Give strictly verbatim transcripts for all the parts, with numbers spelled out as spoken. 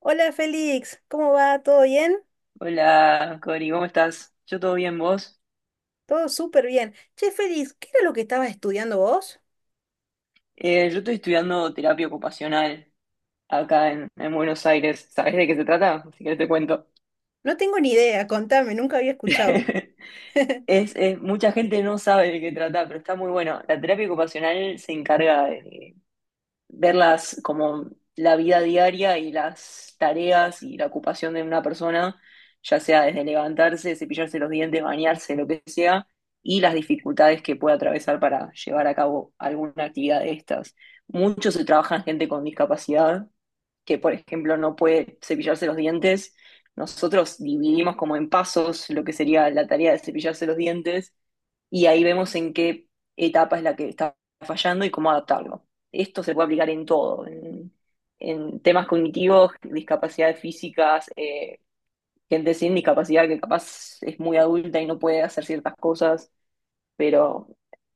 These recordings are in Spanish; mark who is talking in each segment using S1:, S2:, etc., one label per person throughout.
S1: Hola, Félix, ¿cómo va? ¿Todo bien?
S2: Hola, Cori, ¿cómo estás? Yo todo bien, ¿vos?
S1: Todo súper bien. Che, Félix, ¿qué era lo que estabas estudiando vos?
S2: Eh, yo estoy estudiando terapia ocupacional acá en, en Buenos Aires. ¿Sabés de qué se trata? Si querés te cuento.
S1: No tengo ni idea, contame, nunca había escuchado.
S2: Es, es- mucha gente no sabe de qué trata, pero está muy bueno. La terapia ocupacional se encarga de verlas como la vida diaria y las tareas y la ocupación de una persona, ya sea desde levantarse, cepillarse los dientes, bañarse, lo que sea, y las dificultades que puede atravesar para llevar a cabo alguna actividad de estas. Mucho se trabaja en gente con discapacidad, que por ejemplo no puede cepillarse los dientes. Nosotros dividimos como en pasos lo que sería la tarea de cepillarse los dientes y ahí vemos en qué etapa es la que está fallando y cómo adaptarlo. Esto se puede aplicar en todo, en, en temas cognitivos, discapacidades físicas, eh, gente sin discapacidad que capaz es muy adulta y no puede hacer ciertas cosas, pero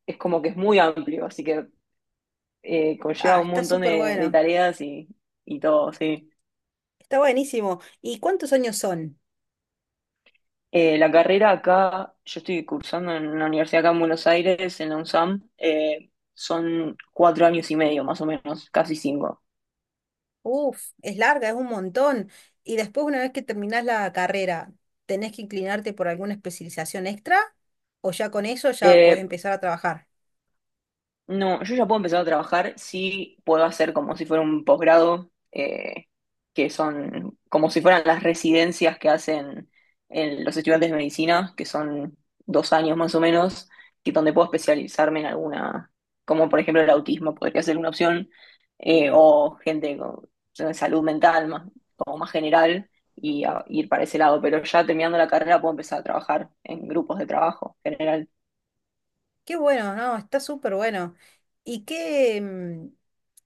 S2: es como que es muy amplio, así que eh, conlleva
S1: Ah,
S2: un
S1: está
S2: montón
S1: súper
S2: de, de
S1: bueno,
S2: tareas y, y todo, sí.
S1: está buenísimo. ¿Y cuántos años son?
S2: Eh, la carrera acá, yo estoy cursando en una universidad acá en Buenos Aires, en la UNSAM, eh, son cuatro años y medio más o menos, casi cinco.
S1: Uf, es larga, es un montón. Y después, una vez que terminás la carrera, ¿tenés que inclinarte por alguna especialización extra? ¿O ya con eso ya podés
S2: Eh,
S1: empezar a trabajar?
S2: No, yo ya puedo empezar a trabajar si puedo hacer como si fuera un posgrado, eh, que son como si fueran las residencias que hacen en los estudiantes de medicina, que son dos años más o menos, que donde puedo especializarme en alguna, como por ejemplo el autismo, podría ser una opción, eh, o gente con eh, salud mental, más, como más general, y a- ir para ese lado. Pero ya terminando la carrera puedo empezar a trabajar en grupos de trabajo general.
S1: Qué bueno, no, está súper bueno. ¿Y qué, mm,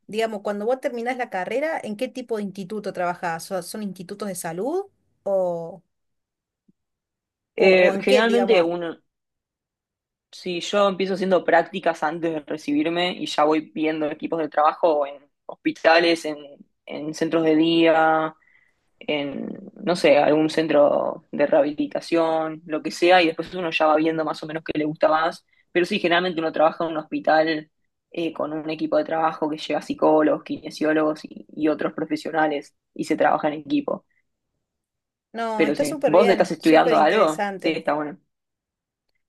S1: digamos, cuando vos terminás la carrera, ¿en qué tipo de instituto trabajás? ¿So- Son institutos de salud o, o, o
S2: Eh,
S1: en qué,
S2: generalmente
S1: digamos?
S2: uno Sí, yo empiezo haciendo prácticas antes de recibirme y ya voy viendo equipos de trabajo en hospitales, en, en centros de día, en, no sé, algún centro de rehabilitación, lo que sea, y después uno ya va viendo más o menos qué le gusta más. Pero sí, generalmente uno trabaja en un hospital eh, con un equipo de trabajo que lleva psicólogos, kinesiólogos y, y otros profesionales y se trabaja en equipo.
S1: No,
S2: Pero
S1: está
S2: sí,
S1: súper
S2: ¿vos estás
S1: bien, súper
S2: estudiando algo? Sí,
S1: interesante.
S2: está bueno.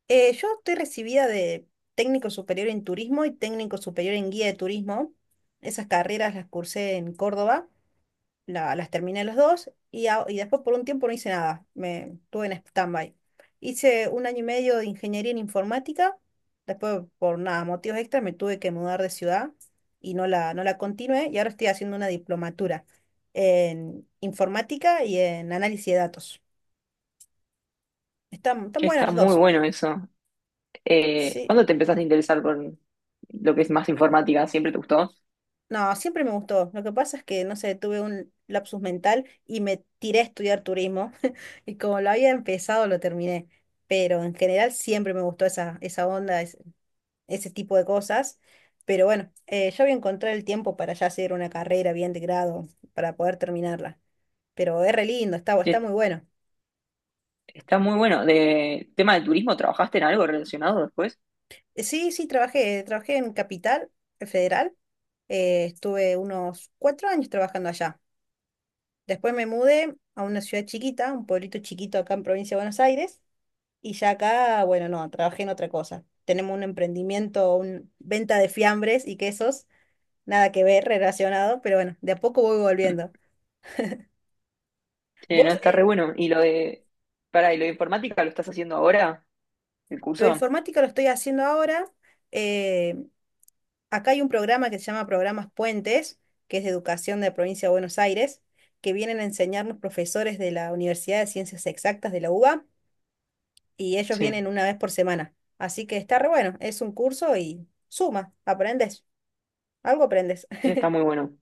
S1: Eh, yo estoy recibida de técnico superior en turismo y técnico superior en guía de turismo. Esas carreras las cursé en Córdoba. La- las terminé los dos y, a- y después por un tiempo no hice nada, me tuve en stand-by. Hice un año y medio de ingeniería en informática, después por nada, motivos extras me tuve que mudar de ciudad y no la, no la continué, y ahora estoy haciendo una diplomatura en informática y en análisis de datos. Están, están
S2: Che,
S1: buenas
S2: está
S1: las
S2: muy
S1: dos.
S2: bueno eso. Eh,
S1: Sí.
S2: ¿cuándo te empezaste a interesar por lo que es más informática? ¿Siempre te gustó?
S1: No, siempre me gustó. Lo que pasa es que, no sé, tuve un lapsus mental y me tiré a estudiar turismo. Y como lo había empezado, lo terminé. Pero en general siempre me gustó esa, esa onda, ese, ese tipo de cosas. Pero bueno, eh, yo voy a encontrar el tiempo para ya hacer una carrera bien de grado, para poder terminarla. Pero es re lindo, está, está
S2: Sí,
S1: muy bueno.
S2: está muy bueno. De tema de turismo, ¿trabajaste en algo relacionado después?
S1: Eh, Sí, sí, trabajé, trabajé en Capital Federal. Eh, estuve unos cuatro años trabajando allá. Después me mudé a una ciudad chiquita, un pueblito chiquito acá en provincia de Buenos Aires, y ya acá, bueno, no, trabajé en otra cosa. Tenemos un emprendimiento, una venta de fiambres y quesos, nada que ver relacionado, pero bueno, de a poco voy
S2: Mm.
S1: volviendo.
S2: Sí, no,
S1: Vos,
S2: está re
S1: eh,
S2: bueno. ¿Y lo de, para, y lo de informática lo estás haciendo ahora, el
S1: lo
S2: curso?
S1: informático lo estoy haciendo ahora. eh, Acá hay un programa que se llama Programas Puentes, que es de educación de la provincia de Buenos Aires, que vienen a enseñarnos profesores de la Universidad de Ciencias Exactas de la U B A, y ellos
S2: Sí,
S1: vienen una vez por semana. Así que está re bueno, es un curso y suma, aprendes, algo aprendes.
S2: sí, está muy bueno.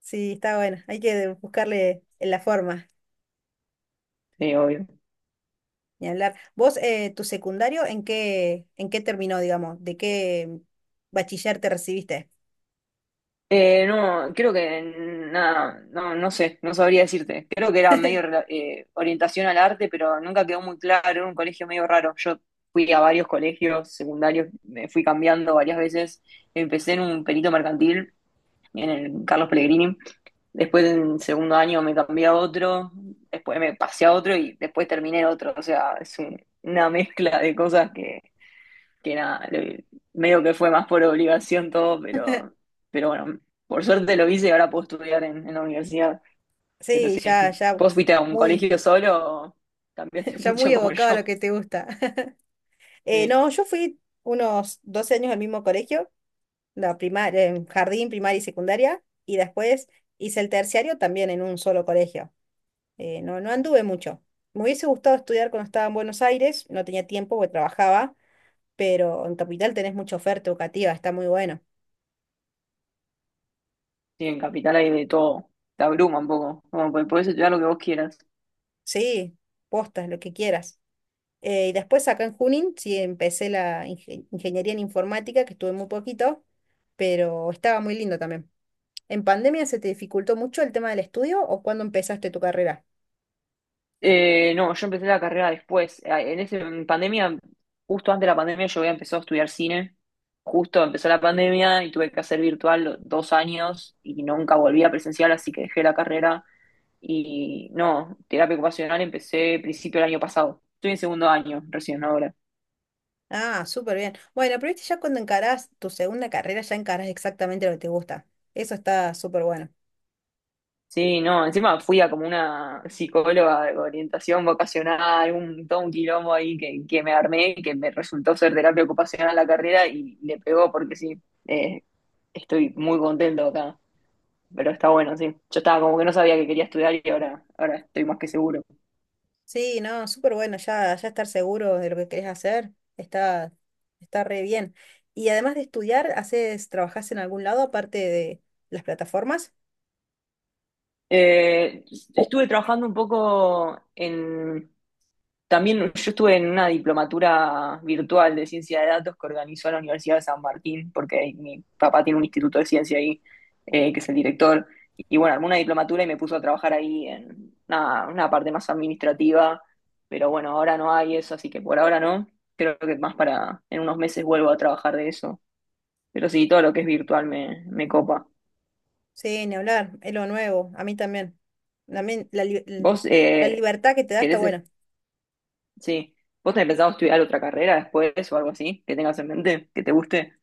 S1: Sí, está bueno, hay que buscarle la forma
S2: Sí, obvio.
S1: y hablar. ¿Vos, eh, tu secundario, en qué, en qué terminó, digamos? ¿De qué bachiller te recibiste?
S2: Eh, no, creo que nada, no, no sé, no sabría decirte. Creo que era medio rela- eh, orientación al arte, pero nunca quedó muy claro, era un colegio medio raro. Yo fui a varios colegios secundarios, me fui cambiando varias veces. Empecé en un perito mercantil, en el Carlos Pellegrini. Después, en segundo año, me cambié a otro, después me pasé a otro y después terminé en otro. O sea, es un- una mezcla de cosas que, que nada, le- medio que fue más por obligación todo, pero, pero bueno, por suerte lo hice y ahora puedo estudiar en, en la universidad. Pero
S1: Sí,
S2: sí,
S1: ya, ya
S2: ¿vos fuiste a un
S1: muy,
S2: colegio solo o cambiaste
S1: ya
S2: mucho
S1: muy
S2: como
S1: evocado a lo
S2: yo?
S1: que te gusta. Eh,
S2: Sí,
S1: no, yo fui unos doce años al mismo colegio, la primaria, jardín, primaria y secundaria, y después hice el terciario también en un solo colegio. Eh, no, no anduve mucho. Me hubiese gustado estudiar cuando estaba en Buenos Aires, no tenía tiempo porque trabajaba, pero en Capital tenés mucha oferta educativa, está muy bueno.
S2: sí, en Capital hay de todo, te abruma un poco, como que podés estudiar lo que vos quieras.
S1: Sí, postas, lo que quieras. Eh, y después acá en Junín, sí, empecé la inge- ingeniería en informática, que estuve muy poquito, pero estaba muy lindo también. ¿En pandemia se te dificultó mucho el tema del estudio o cuando empezaste tu carrera?
S2: Eh, no, yo empecé la carrera después. Eh, En ese, en pandemia, justo antes de la pandemia, yo había empezado a estudiar cine. Justo empezó la pandemia y tuve que hacer virtual dos años y nunca volví a presencial, así que dejé la carrera. Y no, terapia ocupacional empecé principio del año pasado. Estoy en segundo año, recién ahora.
S1: Ah, súper bien. Bueno, pero viste, ya cuando encarás tu segunda carrera, ya encarás exactamente lo que te gusta. Eso está súper bueno.
S2: Sí, no, encima fui a como una psicóloga de orientación vocacional, un, todo un quilombo ahí que, que me armé, que me resultó ser terapia ocupacional la carrera y le pegó porque sí, eh, estoy muy contento acá, pero está bueno, sí. Yo estaba como que no sabía que quería estudiar y ahora, ahora estoy más que seguro.
S1: Sí, no, súper bueno, ya, ya estar seguro de lo que querés hacer, está, está re bien. Y además de estudiar, haces, ¿trabajás en algún lado aparte de las plataformas?
S2: Eh, estuve trabajando un poco en... También yo estuve en una diplomatura virtual de ciencia de datos que organizó la Universidad de San Martín, porque mi papá tiene un instituto de ciencia ahí, eh, que es el director. Y bueno, armó una diplomatura y me puso a trabajar ahí en una, una parte más administrativa, pero bueno, ahora no hay eso, así que por ahora no. Creo que más para en unos meses vuelvo a trabajar de eso. Pero sí, todo lo que es virtual me, me copa.
S1: Sí, ni hablar, es lo nuevo, a mí también. También la, li- l-
S2: ¿Vos
S1: la
S2: eh,
S1: libertad que te da está
S2: querés
S1: buena.
S2: Sí. ¿Vos tenés pensado estudiar otra carrera después o algo así que tengas en mente, que te guste?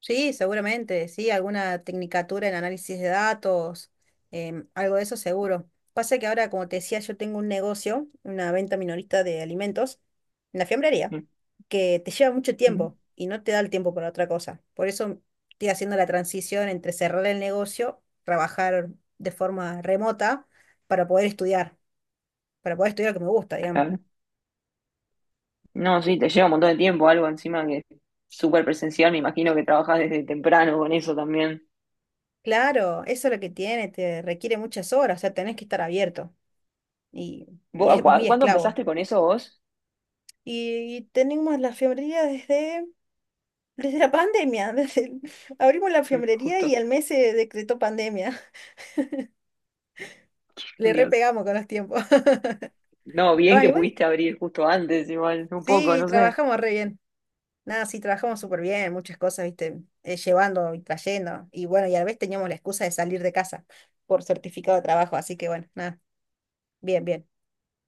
S1: Sí, seguramente, sí, alguna tecnicatura en análisis de datos, em, algo de eso seguro. Pasa que ahora, como te decía, yo tengo un negocio, una venta minorista de alimentos, en la fiambrería,
S2: Mm,
S1: que te lleva mucho
S2: mm,
S1: tiempo y no te da el tiempo para otra cosa. Por eso estoy haciendo la transición entre cerrar el negocio, trabajar de forma remota para poder estudiar, para poder estudiar lo que me gusta, digamos.
S2: Claro. No, sí, te lleva un montón de tiempo, algo encima que es súper presencial. Me imagino que trabajás desde temprano con eso también.
S1: Claro, eso es lo que tiene, te requiere muchas horas, o sea, tenés que estar abierto y,
S2: ¿Vos,
S1: y
S2: a
S1: es
S2: cua-
S1: muy
S2: cuándo
S1: esclavo.
S2: empezaste con eso vos?
S1: Y, y tenemos la fiambrería desde, desde la pandemia. Desde el- abrimos la
S2: Mm,
S1: fiambrería y
S2: Justo.
S1: al mes se decretó pandemia. Le
S2: Dios.
S1: repegamos con los tiempos. Pero
S2: No, bien
S1: bueno,
S2: que
S1: igual,
S2: pudiste abrir justo antes, igual, un poco,
S1: sí,
S2: no sé.
S1: trabajamos re bien. Nada, sí, trabajamos súper bien, muchas cosas, viste, eh, llevando y trayendo. Y bueno, y a la vez teníamos la excusa de salir de casa por certificado de trabajo. Así que bueno, nada, bien, bien.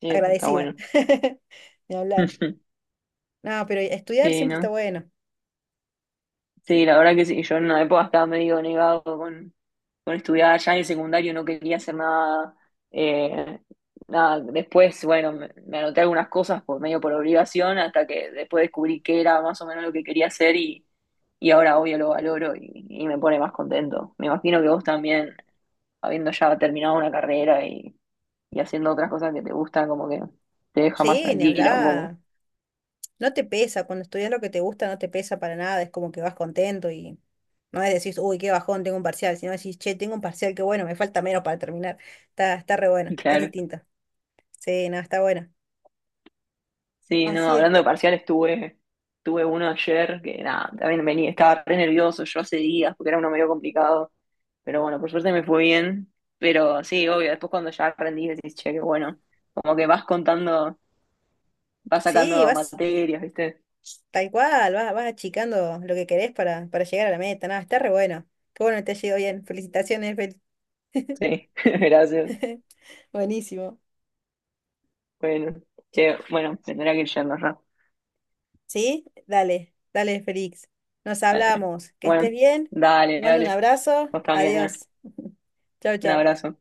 S2: Sí, eso está
S1: Agradecida.
S2: bueno.
S1: Ni hablar. No, pero estudiar
S2: Sí,
S1: siempre está
S2: ¿no?
S1: bueno.
S2: Sí, la verdad que sí, yo en una época estaba medio negado con, con estudiar, ya en el secundario no quería hacer nada, eh, nada. Después, bueno, me, me anoté algunas cosas por medio por obligación hasta que después descubrí qué era más o menos lo que quería hacer y, y ahora obvio lo valoro y, y me pone más contento. Me imagino que vos también, habiendo ya terminado una carrera y, y haciendo otras cosas que te gustan, como que te deja más
S1: Sí, ni
S2: tranquila un poco.
S1: hablar. No te pesa, cuando estudias lo que te gusta no te pesa para nada, es como que vas contento y no es decir, uy, qué bajón, tengo un parcial, sino decís, che, tengo un parcial, qué bueno, me falta menos para terminar. Está, está re bueno, es
S2: Claro.
S1: distinto. Sí, no, está bueno.
S2: Sí, no,
S1: Así es,
S2: hablando de
S1: Cori.
S2: parciales, tuve, tuve uno ayer que nada, también venía, estaba re nervioso yo hace días porque era uno medio complicado, pero bueno, por suerte me fue bien, pero sí, obvio, después cuando ya aprendí decís, che, qué bueno, como que vas contando, vas
S1: Sí,
S2: sacando
S1: vas
S2: materias, ¿viste?
S1: tal cual, vas, vas achicando lo que querés para, para llegar a la meta, nada está re bueno. Qué bueno que te ha ido bien, felicitaciones, Félix.
S2: Sí, gracias.
S1: Buenísimo.
S2: Bueno, che, bueno, me tendría que ir yendo ya.
S1: Sí, dale, dale, Félix. Nos
S2: Dale.
S1: hablamos, que estés
S2: Bueno,
S1: bien,
S2: dale,
S1: te mando un
S2: dale,
S1: abrazo,
S2: vos también, ¿eh?
S1: adiós, chau,
S2: Un
S1: chau.
S2: abrazo.